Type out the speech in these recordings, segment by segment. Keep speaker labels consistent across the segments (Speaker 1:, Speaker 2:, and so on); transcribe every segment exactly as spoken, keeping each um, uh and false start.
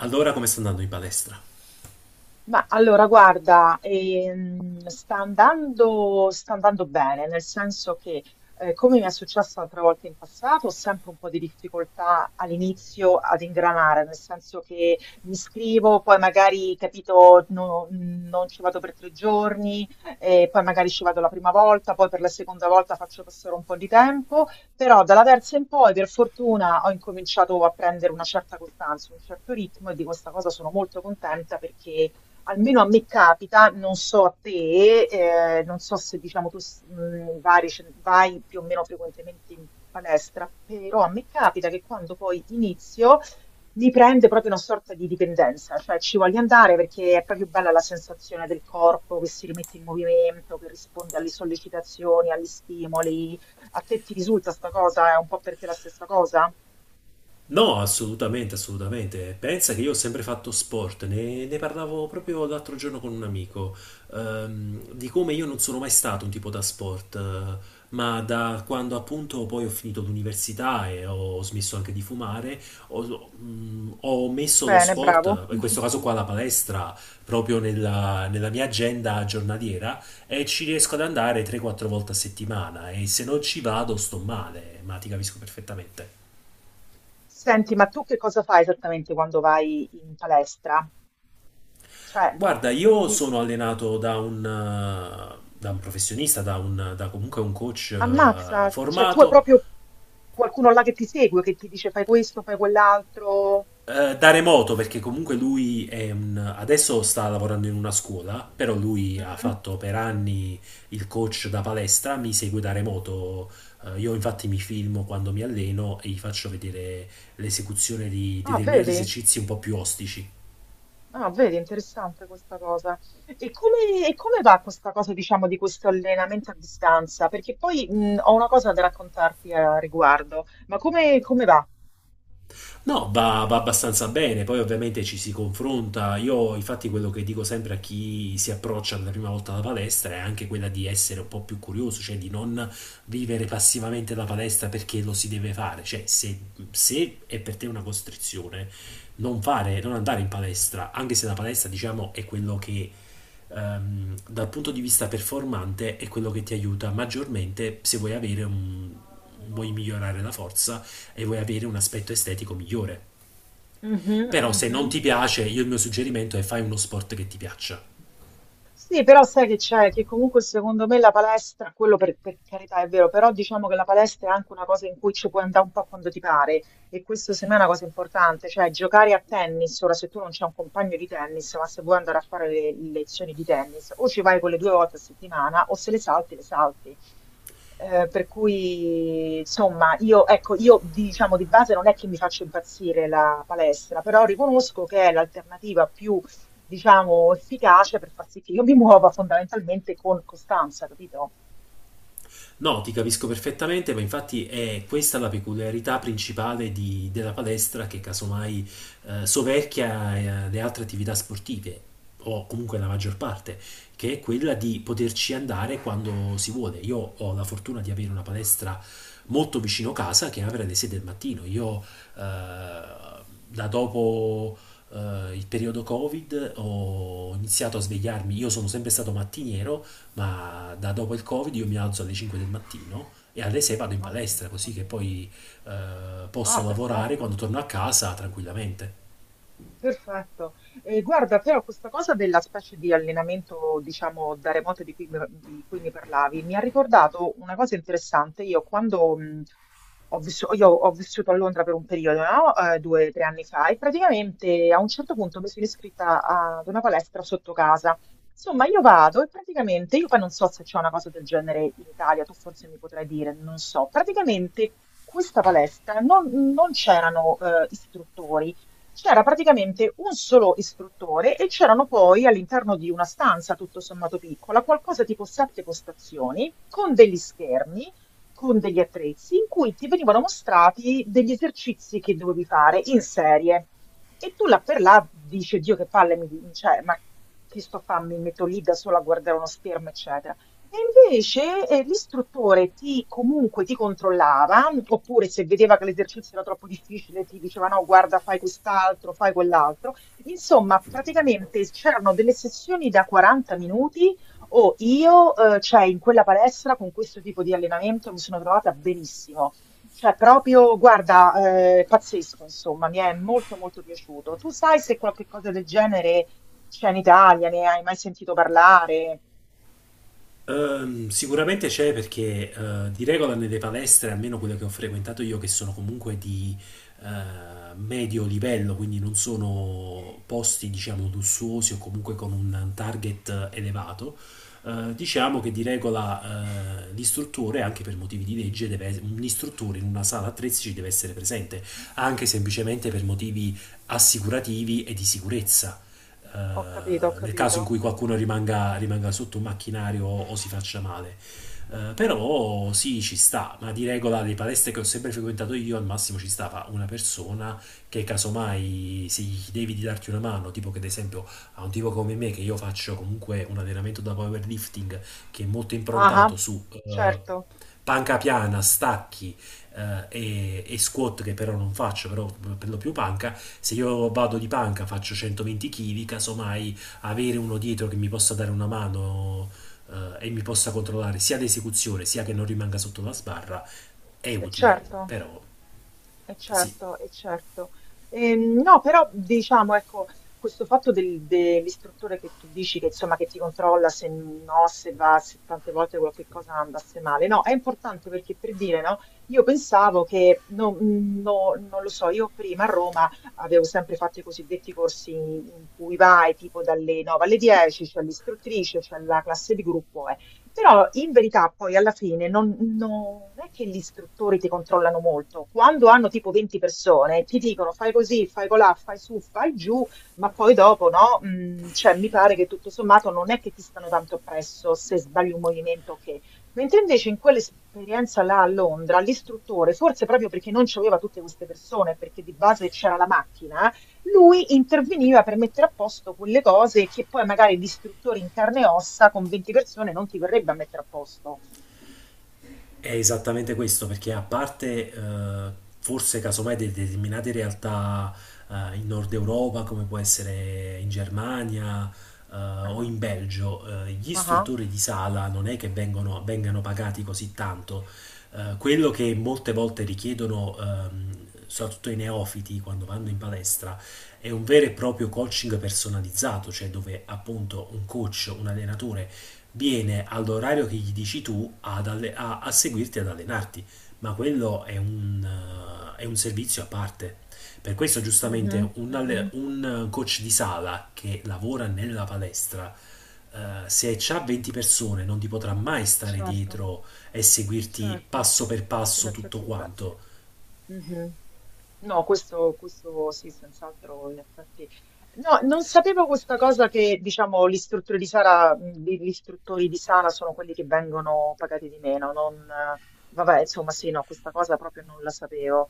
Speaker 1: Allora come sta andando in palestra?
Speaker 2: Ma allora, guarda, ehm, sta andando, sta andando bene, nel senso che, eh, come mi è successo altre volte in passato, ho sempre un po' di difficoltà all'inizio ad ingranare, nel senso che mi iscrivo, poi magari, capito, no- non ci vado per tre giorni. Eh, poi magari ci vado la prima volta, poi per la seconda volta faccio passare un po' di tempo, però dalla terza in poi, per fortuna, ho incominciato a prendere una certa costanza, un certo ritmo, e di questa cosa sono molto contenta, perché almeno a me capita, non so a te, eh, non so se diciamo tu s- mh, vari- ce- vai più o meno frequentemente in palestra, però a me capita che quando poi inizio mi prende proprio una sorta di dipendenza, cioè ci voglio andare perché è proprio bella la sensazione del corpo che si rimette in movimento, che risponde alle sollecitazioni, agli stimoli. A te ti risulta sta cosa? È un po' per te la stessa cosa?
Speaker 1: No, assolutamente, assolutamente. Pensa che io ho sempre fatto sport, ne, ne parlavo proprio l'altro giorno con un amico, ehm, di come io non sono mai stato un tipo da sport, eh, ma da quando appunto poi ho finito l'università e ho smesso anche di fumare, ho, mm, ho messo lo
Speaker 2: Bene, bravo.
Speaker 1: sport, in questo caso qua la palestra, proprio nella, nella mia agenda giornaliera e ci riesco ad andare tre quattro volte a settimana e se non ci vado sto male, ma ti capisco perfettamente.
Speaker 2: Senti, ma tu che cosa fai esattamente quando vai in palestra? Cioè,
Speaker 1: Guarda, io
Speaker 2: ti
Speaker 1: sono allenato da un, eh, da un professionista, da, un, da comunque un coach eh,
Speaker 2: ammazza, cioè tu hai
Speaker 1: formato,
Speaker 2: proprio qualcuno là che ti segue, che ti dice fai questo, fai quell'altro.
Speaker 1: eh, da remoto, perché comunque lui è un, adesso sta lavorando in una scuola, però lui ha
Speaker 2: Mhm.
Speaker 1: fatto per anni il coach da palestra, mi segue da remoto. Eh, io infatti mi filmo quando mi alleno e gli faccio vedere l'esecuzione di
Speaker 2: Ah,
Speaker 1: determinati
Speaker 2: vedi?
Speaker 1: esercizi un po' più ostici.
Speaker 2: Ah, vedi, interessante questa cosa. E come, e come va questa cosa, diciamo, di questo allenamento a distanza? Perché poi mh, ho una cosa da raccontarti a riguardo, ma come, come va?
Speaker 1: No, va, va abbastanza bene, poi ovviamente ci si confronta. Io infatti quello che dico sempre a chi si approccia per la prima volta alla palestra è anche quella di essere un po' più curioso, cioè di non vivere passivamente la palestra perché lo si deve fare. Cioè, se, se è per te una costrizione, non fare, non andare in palestra, anche se la palestra, diciamo, è quello che ehm, dal punto di vista performante è quello che ti aiuta maggiormente se vuoi avere un, vuoi migliorare la forza e vuoi avere un aspetto estetico migliore.
Speaker 2: Mhm,
Speaker 1: Però se
Speaker 2: mhm.
Speaker 1: non ti piace, io il mio suggerimento è fai uno sport che ti piaccia.
Speaker 2: Sì, però sai che c'è, che comunque secondo me la palestra, quello per, per carità è vero, però diciamo che la palestra è anche una cosa in cui ci puoi andare un po' quando ti pare, e questo secondo me è una cosa importante. Cioè, giocare a tennis, ora se tu non c'è un compagno di tennis, ma se vuoi andare a fare le, le lezioni di tennis, o ci vai quelle due volte a settimana o se le salti, le salti. Eh, per cui, insomma, io, ecco, io diciamo di base non è che mi faccio impazzire la palestra, però riconosco che è l'alternativa più, diciamo, efficace per far sì che io mi muova fondamentalmente con costanza, capito?
Speaker 1: No, ti capisco perfettamente, ma infatti è questa la peculiarità principale di- della palestra che casomai eh, soverchia eh, le altre attività sportive, o comunque la maggior parte, che è quella di poterci andare quando si vuole. Io ho la fortuna di avere una palestra molto vicino casa che apre alle sei del mattino. Io eh, da dopo eh, il periodo Covid ho iniziato a svegliarmi, io sono sempre stato mattiniero ma da dopo il Covid io mi alzo alle cinque del mattino e alle sei vado in
Speaker 2: Massimo,
Speaker 1: palestra, così che
Speaker 2: quando-
Speaker 1: poi eh,
Speaker 2: Ah,
Speaker 1: posso lavorare quando
Speaker 2: perfetto.
Speaker 1: torno a casa tranquillamente.
Speaker 2: Perfetto. Eh, guarda, però questa cosa della specie di allenamento, diciamo, da remoto di cui, mi di cui mi parlavi, mi ha ricordato una cosa interessante. Io quando mh, ho vissu- io ho vissuto a Londra per un periodo, no? Eh, due o tre anni fa, e praticamente a un certo punto mi sono iscritta ad una palestra sotto casa. Insomma, io vado e praticamente, io poi non so se c'è una cosa del genere in Italia, tu forse mi potrai dire, non so. Praticamente questa palestra non, non c'erano eh, istruttori. C'era praticamente un solo istruttore e c'erano poi all'interno di una stanza tutto sommato piccola, qualcosa tipo sette postazioni, con degli schermi, con degli attrezzi, in cui ti venivano mostrati degli esercizi che dovevi fare in serie. E tu là per là dici, Dio che palle, mi, di- cioè, ma che sto a fare? Mi metto lì da sola a guardare uno schermo, eccetera. E invece, eh, l'istruttore ti comunque ti controllava, oppure se vedeva che l'esercizio era troppo difficile, ti diceva no, guarda, fai quest'altro, fai quell'altro. Insomma, praticamente c'erano delle sessioni da 40 minuti o io, eh, cioè, in quella palestra con questo tipo di allenamento mi sono trovata benissimo. Cioè, proprio, guarda, eh, pazzesco, insomma, mi è molto molto piaciuto. Tu sai se qualche cosa del genere c'è in Italia, ne hai mai sentito parlare?
Speaker 1: Ehm, sicuramente c'è perché eh, di regola nelle palestre, almeno quelle che ho frequentato io, che sono comunque di eh, medio livello, quindi non sono posti, diciamo, lussuosi o comunque con un target elevato, eh, diciamo che di regola eh, l'istruttore, anche per motivi di legge, deve es- un istruttore in una sala attrezzi ci deve essere presente, anche semplicemente per motivi assicurativi e di sicurezza eh,
Speaker 2: Ho capito, ho
Speaker 1: nel caso
Speaker 2: capito.
Speaker 1: in cui qualcuno rimanga, rimanga sotto un macchinario o, o si faccia male. Eh, però sì, ci sta, ma di regola le palestre che ho sempre frequentato io al massimo ci stava una persona che casomai se gli devi di darti una mano, tipo che ad esempio a un tipo come me che io faccio comunque un allenamento da powerlifting che è molto
Speaker 2: Ah,
Speaker 1: improntato
Speaker 2: ah,
Speaker 1: su eh,
Speaker 2: certo,
Speaker 1: panca piana, stacchi, eh, e, e squat che però non faccio, però per lo più panca, se io vado di panca faccio centoventi chili, casomai avere uno dietro che mi possa dare una mano eh, e mi possa controllare sia l'esecuzione sia che non rimanga sotto la sbarra è
Speaker 2: e
Speaker 1: utile,
Speaker 2: certo,
Speaker 1: però
Speaker 2: e
Speaker 1: sì,
Speaker 2: certo, e certo. Ehm, no, però diciamo, ecco, questo fatto del- dell'istruttore che tu dici che insomma che ti controlla se no, se va, se tante volte qualche cosa andasse male, no, è importante perché per dire, no, io pensavo che, no, no, non lo so, io prima a Roma avevo sempre fatto i cosiddetti corsi in cui vai tipo dalle nove alle dieci, c'è l'istruttrice, c'è la classe di gruppo. Però in verità poi alla fine non, non è che gli istruttori ti controllano molto. Quando hanno tipo venti persone, ti dicono fai così, fai colà, fai su, fai giù, ma poi dopo no? Mm, cioè mi pare che tutto sommato non è che ti stanno tanto oppresso se sbagli un movimento che... Mentre invece in quell'esperienza là a Londra, l'istruttore, forse proprio perché non c'aveva tutte queste persone, perché di base c'era la macchina, lui interveniva per mettere a posto quelle cose che poi magari l'istruttore in carne e ossa con venti persone non ti verrebbe a mettere a posto.
Speaker 1: è esattamente questo, perché a parte eh, forse casomai de- determinate realtà eh, in Nord Europa, come può essere in Germania eh, o
Speaker 2: Ah,
Speaker 1: in Belgio, eh, gli
Speaker 2: ah,
Speaker 1: istruttori di sala non è che vengono, vengano pagati così tanto. Eh, quello che molte volte richiedono, ehm, soprattutto i neofiti quando vanno in palestra, è un vero e proprio coaching personalizzato, cioè dove appunto un coach, un allenatore viene all'orario che gli dici tu ad alle- a, a seguirti ad allenarti, ma quello è un, eh, è un servizio a parte. Per questo
Speaker 2: mhm,
Speaker 1: giustamente un, alle-
Speaker 2: mhm.
Speaker 1: un coach di sala che lavora nella palestra, eh, se c'ha venti persone non ti potrà mai stare
Speaker 2: Certo,
Speaker 1: dietro e seguirti
Speaker 2: certo.
Speaker 1: passo per
Speaker 2: In
Speaker 1: passo tutto
Speaker 2: effetti, beh, sì.
Speaker 1: quanto.
Speaker 2: Mhm. No, questo, questo sì, senz'altro, in effetti. No, non sapevo questa cosa che, diciamo, gli istruttori di sala, mh, gli gli istruttori di sala sono quelli che vengono pagati di meno. Non, eh, vabbè, insomma, sì, no, questa cosa proprio non la sapevo.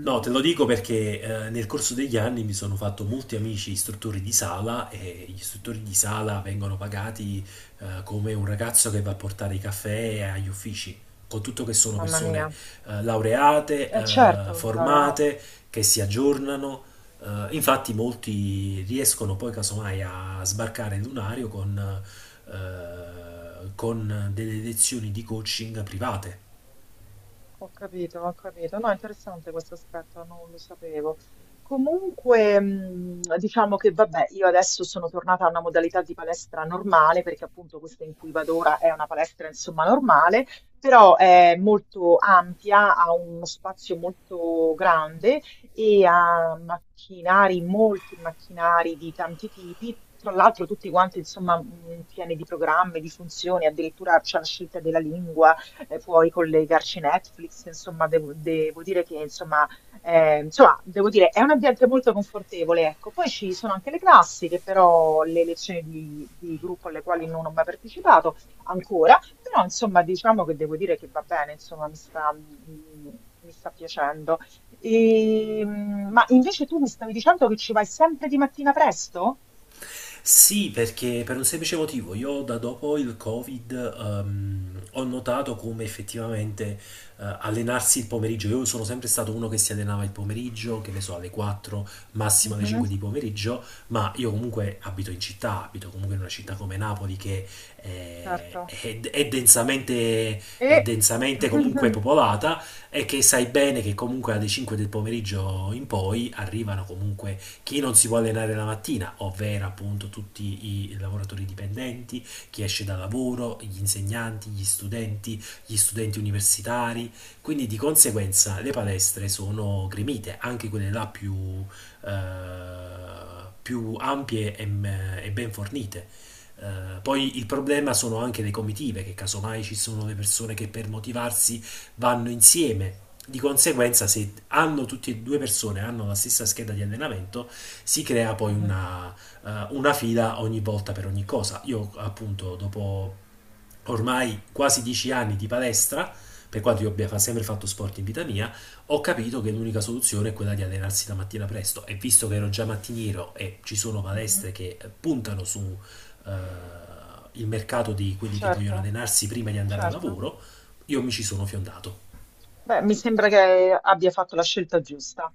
Speaker 1: No, te lo dico perché eh, nel corso degli anni mi sono fatto molti amici istruttori di sala e gli istruttori di sala vengono pagati eh, come un ragazzo che va a portare i caffè agli uffici, con tutto che sono
Speaker 2: mamma
Speaker 1: persone
Speaker 2: mia.
Speaker 1: eh, laureate,
Speaker 2: Eh
Speaker 1: eh,
Speaker 2: certo, laureato.
Speaker 1: formate, che si aggiornano. Eh, infatti molti riescono poi casomai a sbarcare il lunario con, eh, con delle lezioni di coaching private.
Speaker 2: Ho capito, ho capito. No, interessante questo aspetto, non lo sapevo. Comunque, mh, diciamo che vabbè, io adesso sono tornata a una modalità di palestra normale, perché appunto questa in cui vado ora è una palestra insomma normale, però è molto ampia, ha uno spazio molto grande e ha macchinari, molti macchinari di tanti tipi. Tra l'altro tutti quanti, insomma, mh, pieni di programmi, di funzioni, addirittura c'è la scelta della lingua, eh, puoi collegarci Netflix, insomma, devo, devo dire che, insomma, eh, insomma, devo dire, è un ambiente molto confortevole, ecco. Poi ci sono anche le classiche, però le lezioni di, di gruppo alle quali non ho mai partecipato ancora, però, insomma, diciamo che devo dire che va bene, insomma, mi sta, mm, mi sta piacendo. E, mm, ma invece tu mi stavi dicendo che ci vai sempre di mattina presto?
Speaker 1: Sì, perché per un semplice motivo, io da dopo il Covid ehm, ho notato come effettivamente eh, allenarsi il pomeriggio, io sono sempre stato uno che si allenava il pomeriggio, che ne so, alle quattro, massimo alle
Speaker 2: Mhm.
Speaker 1: cinque di pomeriggio, ma io comunque abito in città, abito comunque in una città come Napoli che
Speaker 2: Certo.
Speaker 1: eh, è, è densamente, è
Speaker 2: E...
Speaker 1: densamente comunque popolata e che sai bene che comunque alle cinque del pomeriggio in poi arrivano comunque chi non si può allenare la mattina, ovvero appunto tutti i lavoratori dipendenti, chi esce da lavoro, gli insegnanti, gli studenti, gli studenti universitari, quindi di conseguenza le palestre sono gremite, anche quelle là più, eh, più ampie e, eh, e ben fornite. Eh, poi il problema sono anche le comitive, che casomai ci sono le persone che per motivarsi vanno insieme. Di conseguenza, se hanno tutte e due persone, hanno la stessa scheda di allenamento, si crea poi
Speaker 2: Mhm.
Speaker 1: una, eh, una fila ogni volta per ogni cosa. Io appunto dopo ormai quasi dieci anni di palestra, per quanto io abbia fa- sempre fatto sport in vita mia, ho capito che l'unica soluzione è quella di allenarsi la mattina presto e visto che ero già mattiniero e ci sono
Speaker 2: Mh-mh.
Speaker 1: palestre che puntano su eh, il mercato di quelli che vogliono
Speaker 2: Certo,
Speaker 1: allenarsi prima di andare al
Speaker 2: certo.
Speaker 1: lavoro, io mi ci sono fiondato.
Speaker 2: Beh, mi sembra che abbia fatto la scelta giusta.